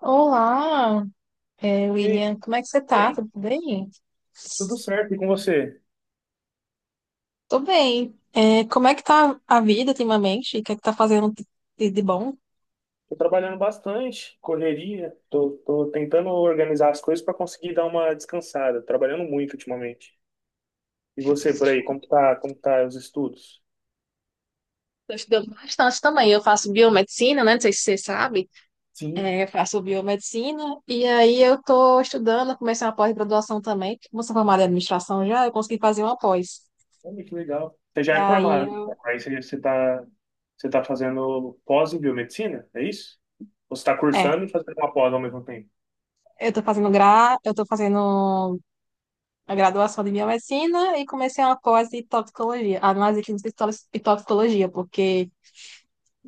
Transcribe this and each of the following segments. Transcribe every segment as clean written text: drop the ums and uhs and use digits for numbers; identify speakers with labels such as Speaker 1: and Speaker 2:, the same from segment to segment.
Speaker 1: Olá,
Speaker 2: E aí,
Speaker 1: William, como é que você tá?
Speaker 2: bem?
Speaker 1: Tudo bem?
Speaker 2: Tudo certo, e com você?
Speaker 1: Tô bem. Como é que tá a vida ultimamente? O que é que tá fazendo de bom?
Speaker 2: Tô trabalhando bastante, correria, tô tentando organizar as coisas para conseguir dar uma descansada, trabalhando muito ultimamente. E você por aí, como que tá os estudos?
Speaker 1: Tô estudando bastante também. Eu faço biomedicina, né? Não sei se você sabe.
Speaker 2: Sim,
Speaker 1: Eu faço biomedicina e aí eu tô estudando, eu comecei uma pós-graduação também. Como eu sou formada em administração já, eu consegui fazer uma pós.
Speaker 2: olha que legal. Você
Speaker 1: E
Speaker 2: já é
Speaker 1: aí
Speaker 2: formado,
Speaker 1: eu,
Speaker 2: então, aí você tá fazendo pós em biomedicina, é isso? Ou você tá
Speaker 1: é,
Speaker 2: cursando e fazendo uma pós ao mesmo tempo?
Speaker 1: eu tô fazendo eu tô fazendo a graduação de biomedicina e comecei uma pós de toxicologia, análise clínica e toxicologia, porque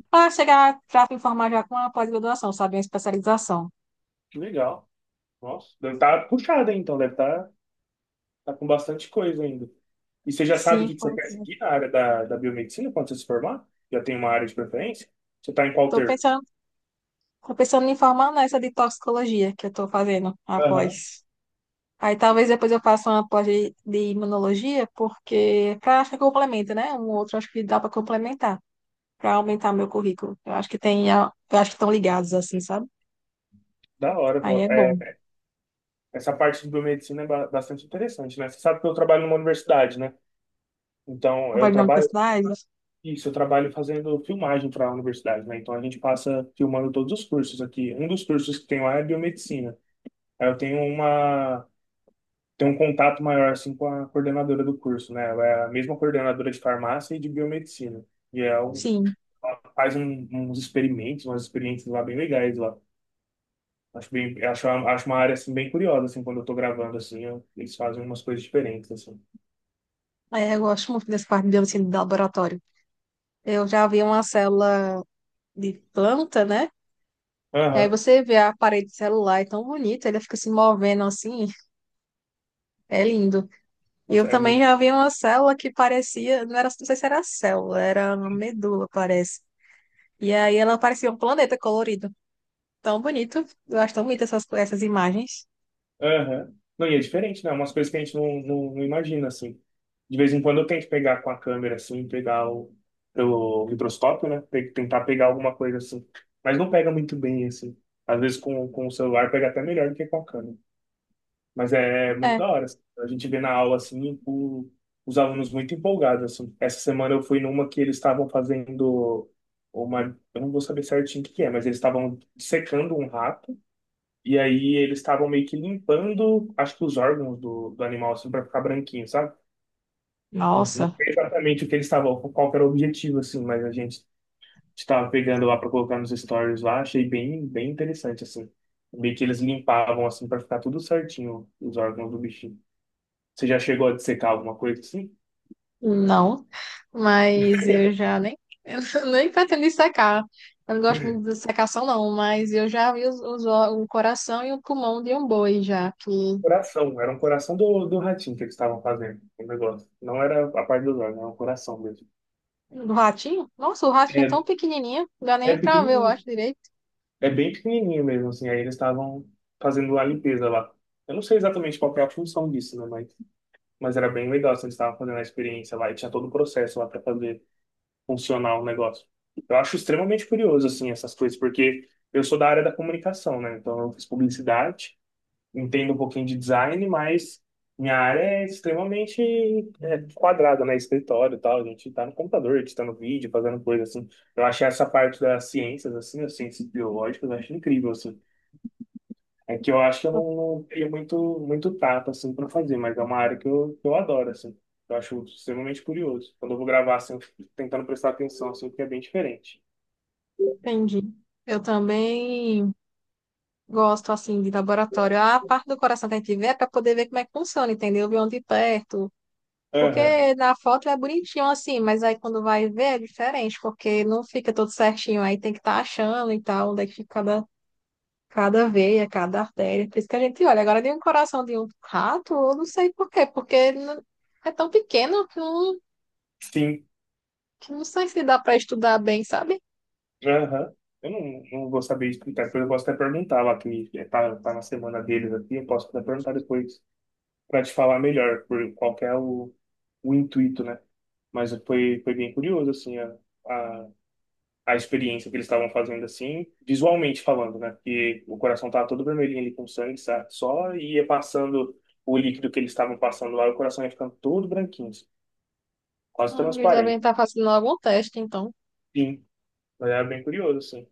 Speaker 1: para me formar já com uma pós-graduação, sabe, uma especialização.
Speaker 2: Que legal. Nossa, deve estar tá puxado, hein, então, deve estar. Tá com bastante coisa ainda. E você já sabe
Speaker 1: Sim,
Speaker 2: o que que você quer
Speaker 1: estou
Speaker 2: seguir na área da biomedicina quando você se formar? Já tem uma área de preferência? Você está em qual termo?
Speaker 1: pensando, tô pensando em formar nessa de toxicologia que eu estou fazendo
Speaker 2: Aham,
Speaker 1: após. Aí talvez depois eu faça uma pós de imunologia, porque acho que complementa, né? Um outro acho que dá para complementar, para aumentar meu currículo. Eu acho que tem, eu acho que estão ligados assim, sabe?
Speaker 2: da hora. Pô.
Speaker 1: Aí é bom.
Speaker 2: Essa parte de biomedicina é bastante interessante, né? Você sabe que eu trabalho numa universidade, né? Então, eu
Speaker 1: Trabalho na
Speaker 2: trabalho,
Speaker 1: universidade,
Speaker 2: isso, eu trabalho fazendo filmagem para a universidade, né? Então, a gente passa filmando todos os cursos aqui. Um dos cursos que tem lá é biomedicina. Aí eu tenho ter um contato maior assim com a coordenadora do curso, né? Ela é a mesma coordenadora de farmácia e de biomedicina. E ela
Speaker 1: sim.
Speaker 2: ela faz uns experimentos, umas experiências lá bem legais lá. Acho uma área assim bem curiosa assim quando eu tô gravando assim, eles fazem umas coisas diferentes assim.
Speaker 1: Ah, é, eu gosto muito dessa parte de biomedicina de laboratório. Eu já vi uma célula de planta, né? Aí
Speaker 2: Aham.
Speaker 1: você vê a parede celular, é tão bonita, ela fica se movendo assim, é lindo. E
Speaker 2: Nossa,
Speaker 1: eu
Speaker 2: é
Speaker 1: também
Speaker 2: muito.
Speaker 1: já vi uma célula que parecia, não era, não sei se era célula, era uma medula, parece. E aí ela parecia um planeta colorido. Tão bonito, eu acho tão bonito essas imagens.
Speaker 2: Aham. Não, e é diferente, né? Umas coisas que a gente não imagina, assim. De vez em quando eu tento pegar com a câmera, assim, pegar o microscópio, né? Tem que tentar pegar alguma coisa, assim. Mas não pega muito bem, assim. Às vezes com o celular pega até melhor do que com a câmera. Mas é muito
Speaker 1: É,
Speaker 2: da hora, assim. A gente vê na aula, assim, os alunos muito empolgados, assim. Essa semana eu fui numa que eles estavam fazendo uma. Eu não vou saber certinho o que que é, mas eles estavam secando um rato e aí eles estavam meio que limpando, acho que os órgãos do animal, assim, para ficar branquinho, sabe? Não, não
Speaker 1: nossa.
Speaker 2: sei exatamente o que eles estavam, qual que era o objetivo, assim, mas a gente estava pegando lá para colocar nos stories lá, achei bem interessante, assim. Meio que eles limpavam, assim, para ficar tudo certinho, os órgãos do bichinho. Você já chegou a dissecar alguma coisa assim?
Speaker 1: Não, mas eu já nem, eu nem pretendo secar. Eu não gosto muito de secação, não, mas eu já vi o coração e o pulmão de um boi já, que
Speaker 2: Coração, era um coração do ratinho que eles estavam fazendo, o negócio. Não era a parte dos órgãos, era um coração mesmo.
Speaker 1: do ratinho. Nossa, o ratinho é tão
Speaker 2: É,
Speaker 1: pequenininho, não dá
Speaker 2: é
Speaker 1: nem pra ver, eu
Speaker 2: pequenininho.
Speaker 1: acho direito.
Speaker 2: É bem pequenininho mesmo, assim. Aí eles estavam fazendo a limpeza lá. Eu não sei exatamente qual que é a função disso, né? Mas era bem legal, assim, eles estavam fazendo a experiência lá e tinha todo o processo lá para fazer funcionar o negócio. Eu acho extremamente curioso, assim, essas coisas, porque eu sou da área da comunicação, né? Então eu fiz publicidade, entendo um pouquinho de design, mas minha área é extremamente quadrada, né? Escritório e tal. A gente tá no computador, editando vídeo, fazendo coisa assim. Eu achei essa parte das ciências, assim, as ciências biológicas, eu acho incrível, assim. É que eu acho que eu não tenho muito, muito tato, assim, para fazer, mas é uma área que eu adoro, assim. Eu acho extremamente curioso. Quando eu vou gravar, assim, eu fico tentando prestar atenção, assim, porque é bem diferente.
Speaker 1: Entendi. Eu também gosto, assim, de laboratório. A parte do coração que a gente vê é pra poder ver como é que funciona, entendeu? Ver onde perto.
Speaker 2: Aham.
Speaker 1: Porque na foto é bonitinho assim, mas aí quando vai ver é diferente, porque não fica todo certinho, aí tem que estar achando e tal, onde é que fica cada veia, cada artéria. Por isso que a gente olha. Agora de um coração de um rato, eu não sei por quê, porque não- é tão pequeno
Speaker 2: Sim.
Speaker 1: que não sei se dá para estudar bem, sabe?
Speaker 2: Aham. Eu não vou saber explicar, depois eu posso até perguntar lá, que tá na semana deles aqui, eu posso até perguntar depois para te falar melhor por qual que é o intuito, né? Mas foi bem curioso, assim, a, a experiência que eles estavam fazendo assim, visualmente falando, né? Porque o coração tava todo vermelhinho ali com sangue, sabe? Só ia passando o líquido que eles estavam passando lá, o coração ia ficando todo branquinho, assim, quase
Speaker 1: Eles devem
Speaker 2: transparente.
Speaker 1: estar fazendo algum teste, então.
Speaker 2: Sim, mas era bem curioso, assim.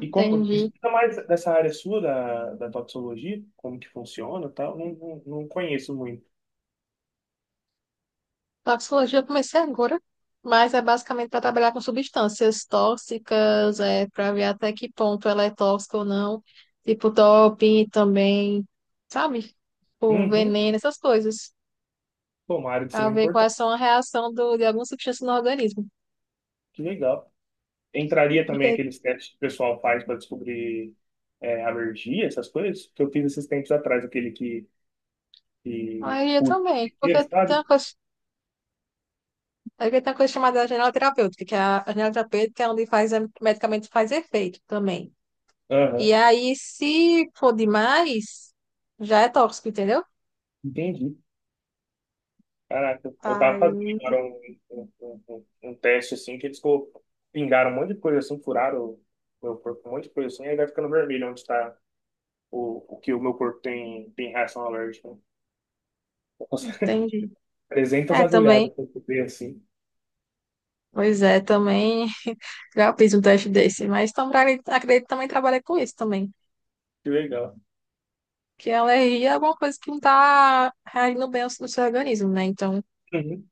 Speaker 2: E como, me explica mais dessa área sua da toxicologia, como que funciona e tal, não conheço muito.
Speaker 1: Toxicologia eu comecei agora, mas é basicamente para trabalhar com substâncias tóxicas, para ver até que ponto ela é tóxica ou não, tipo doping também, sabe? O
Speaker 2: Uhum.
Speaker 1: veneno, essas coisas,
Speaker 2: Pô, uma área de
Speaker 1: para
Speaker 2: extrema
Speaker 1: ver
Speaker 2: importância,
Speaker 1: quais são a reação de alguma substância no organismo.
Speaker 2: que legal. Entraria também
Speaker 1: Porque
Speaker 2: aqueles testes que o pessoal faz para descobrir alergia, essas coisas, que eu fiz esses tempos atrás, aquele que e
Speaker 1: aí eu
Speaker 2: puto
Speaker 1: também,
Speaker 2: pequeno, sabe?
Speaker 1: porque tem uma coisa chamada janela terapêutica, que é a janela terapêutica é onde faz, o medicamento faz efeito também.
Speaker 2: Aham,
Speaker 1: E aí, se for demais, já é tóxico, entendeu?
Speaker 2: entendi. Caraca, eu tava fazendo
Speaker 1: Aí
Speaker 2: agora um, um, um- um teste assim, que eles pingaram um monte de coisa assim, furaram o meu corpo, um monte de coisa assim, aí vai ficando vermelho onde está o que o meu corpo tem, reação alérgica. Nossa,
Speaker 1: entendi.
Speaker 2: 300
Speaker 1: É, também.
Speaker 2: agulhadas pra eu ver assim.
Speaker 1: Pois é, também já fiz um teste desse, mas também, acredito que também trabalha com isso também.
Speaker 2: Que legal.
Speaker 1: Que a alergia é alguma coisa que não tá reagindo bem no seu organismo, né? Então,
Speaker 2: Uhum.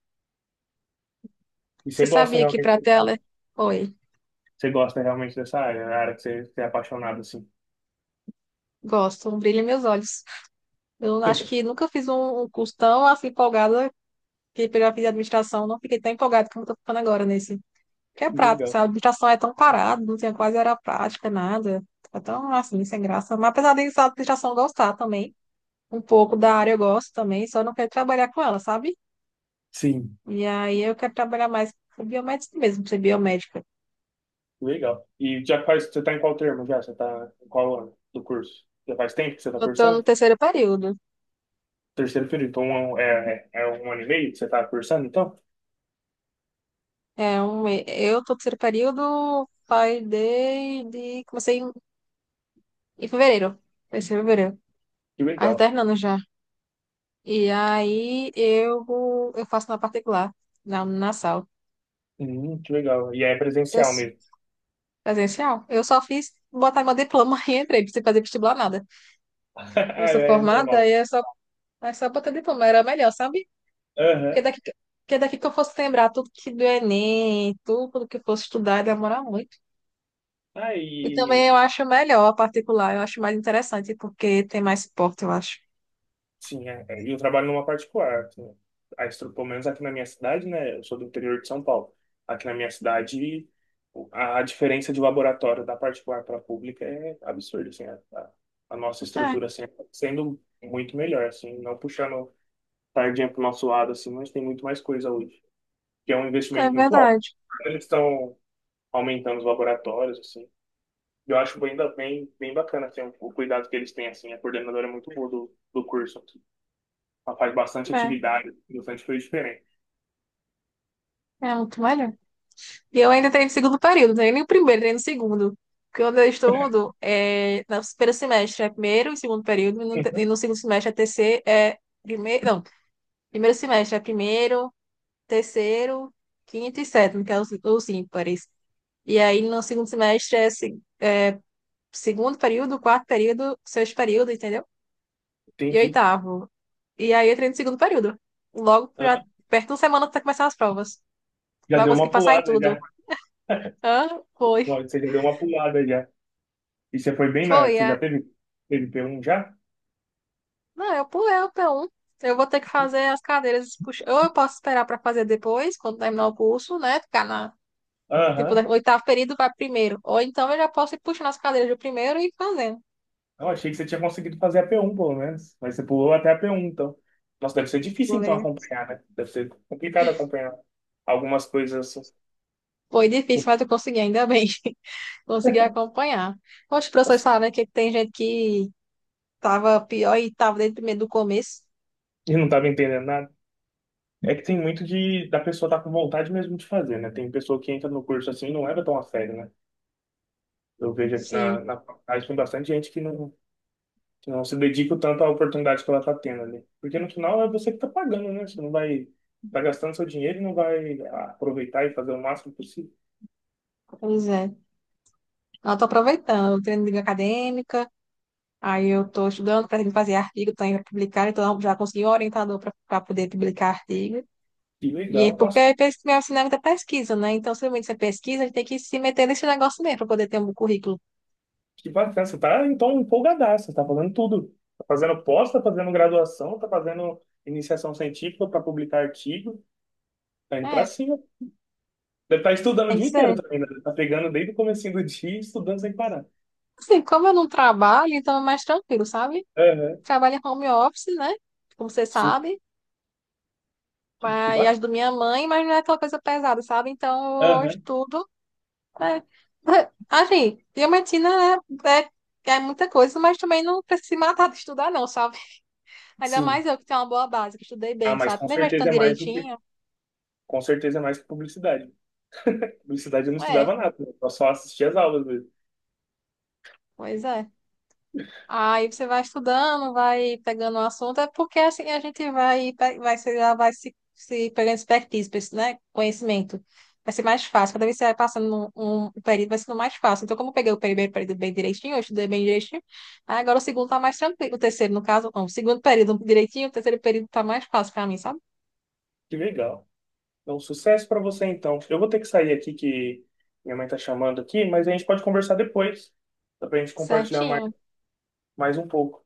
Speaker 2: E
Speaker 1: você
Speaker 2: você gosta
Speaker 1: sabia que
Speaker 2: realmente
Speaker 1: para ter
Speaker 2: dessa área?
Speaker 1: alergia. Oi,
Speaker 2: Você gosta realmente dessa área, a área que você é apaixonado assim.
Speaker 1: gosto, brilha meus olhos. Eu acho que nunca fiz um curso tão assim empolgada que eu já fiz administração, não fiquei tão empolgada como eu tô ficando agora nesse. Que é
Speaker 2: Que
Speaker 1: prático,
Speaker 2: legal.
Speaker 1: sabe? A administração é tão parada, não tinha quase era prática, nada. É tão assim, sem graça. Mas apesar de a administração gostar também. Um pouco da área eu gosto também, só não quero trabalhar com ela, sabe?
Speaker 2: Sim.
Speaker 1: E aí eu quero trabalhar mais com biomédica mesmo, ser biomédica.
Speaker 2: Legal. E já faz, você tá em qual termo já? Você tá em qual ano do curso? Já faz tempo que você tá
Speaker 1: Eu tô no
Speaker 2: cursando?
Speaker 1: terceiro período.
Speaker 2: Terceiro período, então é um ano e meio que você tá cursando, então?
Speaker 1: É um, eu tô no terceiro período, pai comecei em fevereiro. Terceiro de fevereiro.
Speaker 2: Que
Speaker 1: Aí tô
Speaker 2: legal.
Speaker 1: terminando já. E aí eu, eu faço na particular, na sala.
Speaker 2: Que legal. E é
Speaker 1: Eu,
Speaker 2: presencial
Speaker 1: s-
Speaker 2: mesmo.
Speaker 1: presencial. Eu só fiz botar meu diploma e entrei, não fazer vestibular nada. Eu
Speaker 2: Ah,
Speaker 1: sou
Speaker 2: é
Speaker 1: formada
Speaker 2: normal.
Speaker 1: e é só botar diploma, era melhor, sabe? Porque
Speaker 2: Aham.
Speaker 1: daqui, porque daqui que eu fosse lembrar tudo que do Enem, tudo que eu fosse estudar, ia demorar muito. E também
Speaker 2: Aí,
Speaker 1: eu acho melhor a particular, eu acho mais interessante, porque tem mais suporte, eu acho.
Speaker 2: sim, é. É. E eu trabalho numa particular, assim. A estrutura, pelo menos aqui na minha cidade, né? Eu sou do interior de São Paulo. Aqui na minha cidade, a diferença de laboratório da particular para a pública é absurda, assim. A nossa
Speaker 1: É,
Speaker 2: estrutura, assim, é sendo muito melhor, assim. Não puxando sardinha para o nosso lado, assim, mas tem muito mais coisa hoje. Que é um
Speaker 1: é
Speaker 2: investimento muito alto.
Speaker 1: verdade.
Speaker 2: Então, eles estão aumentando os laboratórios, assim. Eu acho ainda bem bacana, assim, o cuidado que eles têm, assim. A coordenadora é muito boa do curso. Ela faz bastante
Speaker 1: É,
Speaker 2: atividade, bastante coisa diferente.
Speaker 1: é muito melhor. E eu ainda tenho no segundo período, não tenho nem o primeiro, nem no segundo. Porque onde eu estudo, é, no primeiro semestre é primeiro e segundo período, e
Speaker 2: Uhum.
Speaker 1: no segundo semestre é terceiro, é primeiro, não, primeiro semestre é primeiro, terceiro, quinto e sétimo, que é os ímpares. E aí, no segundo semestre, segundo período, quarto período, sexto período, entendeu? E
Speaker 2: Entendi.
Speaker 1: oitavo. E aí, eu entrei no segundo período. Logo,
Speaker 2: Hã?
Speaker 1: perto de uma semana, tá começando as provas.
Speaker 2: Já
Speaker 1: Vai
Speaker 2: deu
Speaker 1: conseguir
Speaker 2: uma
Speaker 1: passar em
Speaker 2: pulada
Speaker 1: tudo.
Speaker 2: já.
Speaker 1: Hã? Foi.
Speaker 2: Não, você já deu uma pulada já. E você foi bem na.
Speaker 1: Foi,
Speaker 2: Você
Speaker 1: é.
Speaker 2: já teve p um já?
Speaker 1: Não, eu pulei o P1. Eu vou ter que fazer as cadeiras. Ou eu posso esperar pra fazer depois, quando terminar o curso, né? Ficar na. Tipo,
Speaker 2: Aham.
Speaker 1: oitavo período vai primeiro. Ou então eu já posso ir puxando as cadeiras do primeiro e ir fazendo.
Speaker 2: Eu achei que você tinha conseguido fazer a p um pelo menos. Mas você pulou até a p um então. Nossa, deve ser
Speaker 1: Vou
Speaker 2: difícil então
Speaker 1: ler.
Speaker 2: acompanhar, né? Deve ser complicado acompanhar algumas coisas assim.
Speaker 1: Foi difícil, mas eu consegui, ainda bem. Consegui acompanhar. Os professores
Speaker 2: Nossa,
Speaker 1: falaram que tem gente que estava pior e estava desde o primeiro do começo.
Speaker 2: eu não tava entendendo nada. É que tem muito de da pessoa estar tá com vontade mesmo de fazer, né? Tem pessoa que entra no curso assim e não leva tão a sério, né? Eu vejo aqui na,
Speaker 1: Sim,
Speaker 2: na faculdade tem bastante gente que não. Então, você não se dedica o tanto à oportunidade que ela está tendo ali. Porque no final é você que está pagando, né? Você não vai tá gastando seu dinheiro e não vai aproveitar e fazer o máximo possível.
Speaker 1: pois é. Eu estou aproveitando, eu treino de acadêmica, aí eu estou estudando para fazer artigo também para publicar, então já consegui um orientador para poder publicar artigo.
Speaker 2: Que
Speaker 1: E é
Speaker 2: legal.
Speaker 1: porque
Speaker 2: Nossa,
Speaker 1: meu ensinamento é pesquisa, né? Então, se realmente você pesquisa, a gente tem que se meter nesse negócio mesmo para poder ter um currículo.
Speaker 2: que bacana. Você tá então empolgadaço, você tá fazendo tudo. Tá fazendo pós, tá fazendo graduação, tá fazendo iniciação científica para publicar artigo, tá indo para
Speaker 1: É,
Speaker 2: cima. Deve estar estudando o
Speaker 1: tem que
Speaker 2: dia inteiro
Speaker 1: ser.
Speaker 2: também, né? Tá pegando desde o comecinho do dia e estudando sem parar.
Speaker 1: Assim, como eu não trabalho, então é mais tranquilo, sabe?
Speaker 2: Aham,
Speaker 1: Trabalho em home office, né? Como você
Speaker 2: sim,
Speaker 1: sabe.
Speaker 2: que
Speaker 1: Mas, e as
Speaker 2: bacana.
Speaker 1: do minha mãe, mas não é aquela coisa pesada, sabe? Então eu
Speaker 2: Aham,
Speaker 1: estudo. Né? Assim, diamantina é, é, é muita coisa, mas também não precisa se matar de estudar, não, sabe? Ainda
Speaker 2: sim.
Speaker 1: mais eu que tenho uma boa base, que estudei
Speaker 2: Ah,
Speaker 1: bem,
Speaker 2: mas
Speaker 1: sabe?
Speaker 2: com
Speaker 1: Quando a gente vai
Speaker 2: certeza
Speaker 1: estudando
Speaker 2: é mais do que,
Speaker 1: direitinho,
Speaker 2: com certeza é mais que publicidade. Publicidade eu não
Speaker 1: é,
Speaker 2: estudava nada, né? Eu só assistia as aulas mesmo.
Speaker 1: pois é. Aí você vai estudando, vai pegando o assunto, é porque assim a gente vai, pe- vai, se- já vai se pegando expertise, pra né? Conhecimento. Vai ser mais fácil. Cada vez que você vai passando um período, vai sendo mais fácil. Então, como eu peguei o primeiro período bem direitinho, eu estudei bem direitinho, aí agora o segundo tá mais tranquilo. O terceiro, no caso, não. O segundo período direitinho, o terceiro período tá mais fácil pra mim, sabe?
Speaker 2: Que legal. Então, sucesso para você então. Eu vou ter que sair aqui que minha mãe tá chamando aqui, mas a gente pode conversar depois. Dá pra gente compartilhar mais,
Speaker 1: Certinho,
Speaker 2: mais um pouco.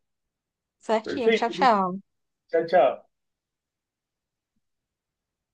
Speaker 1: certinho. Tchau,
Speaker 2: Perfeito.
Speaker 1: tchau.
Speaker 2: Tchau, tchau.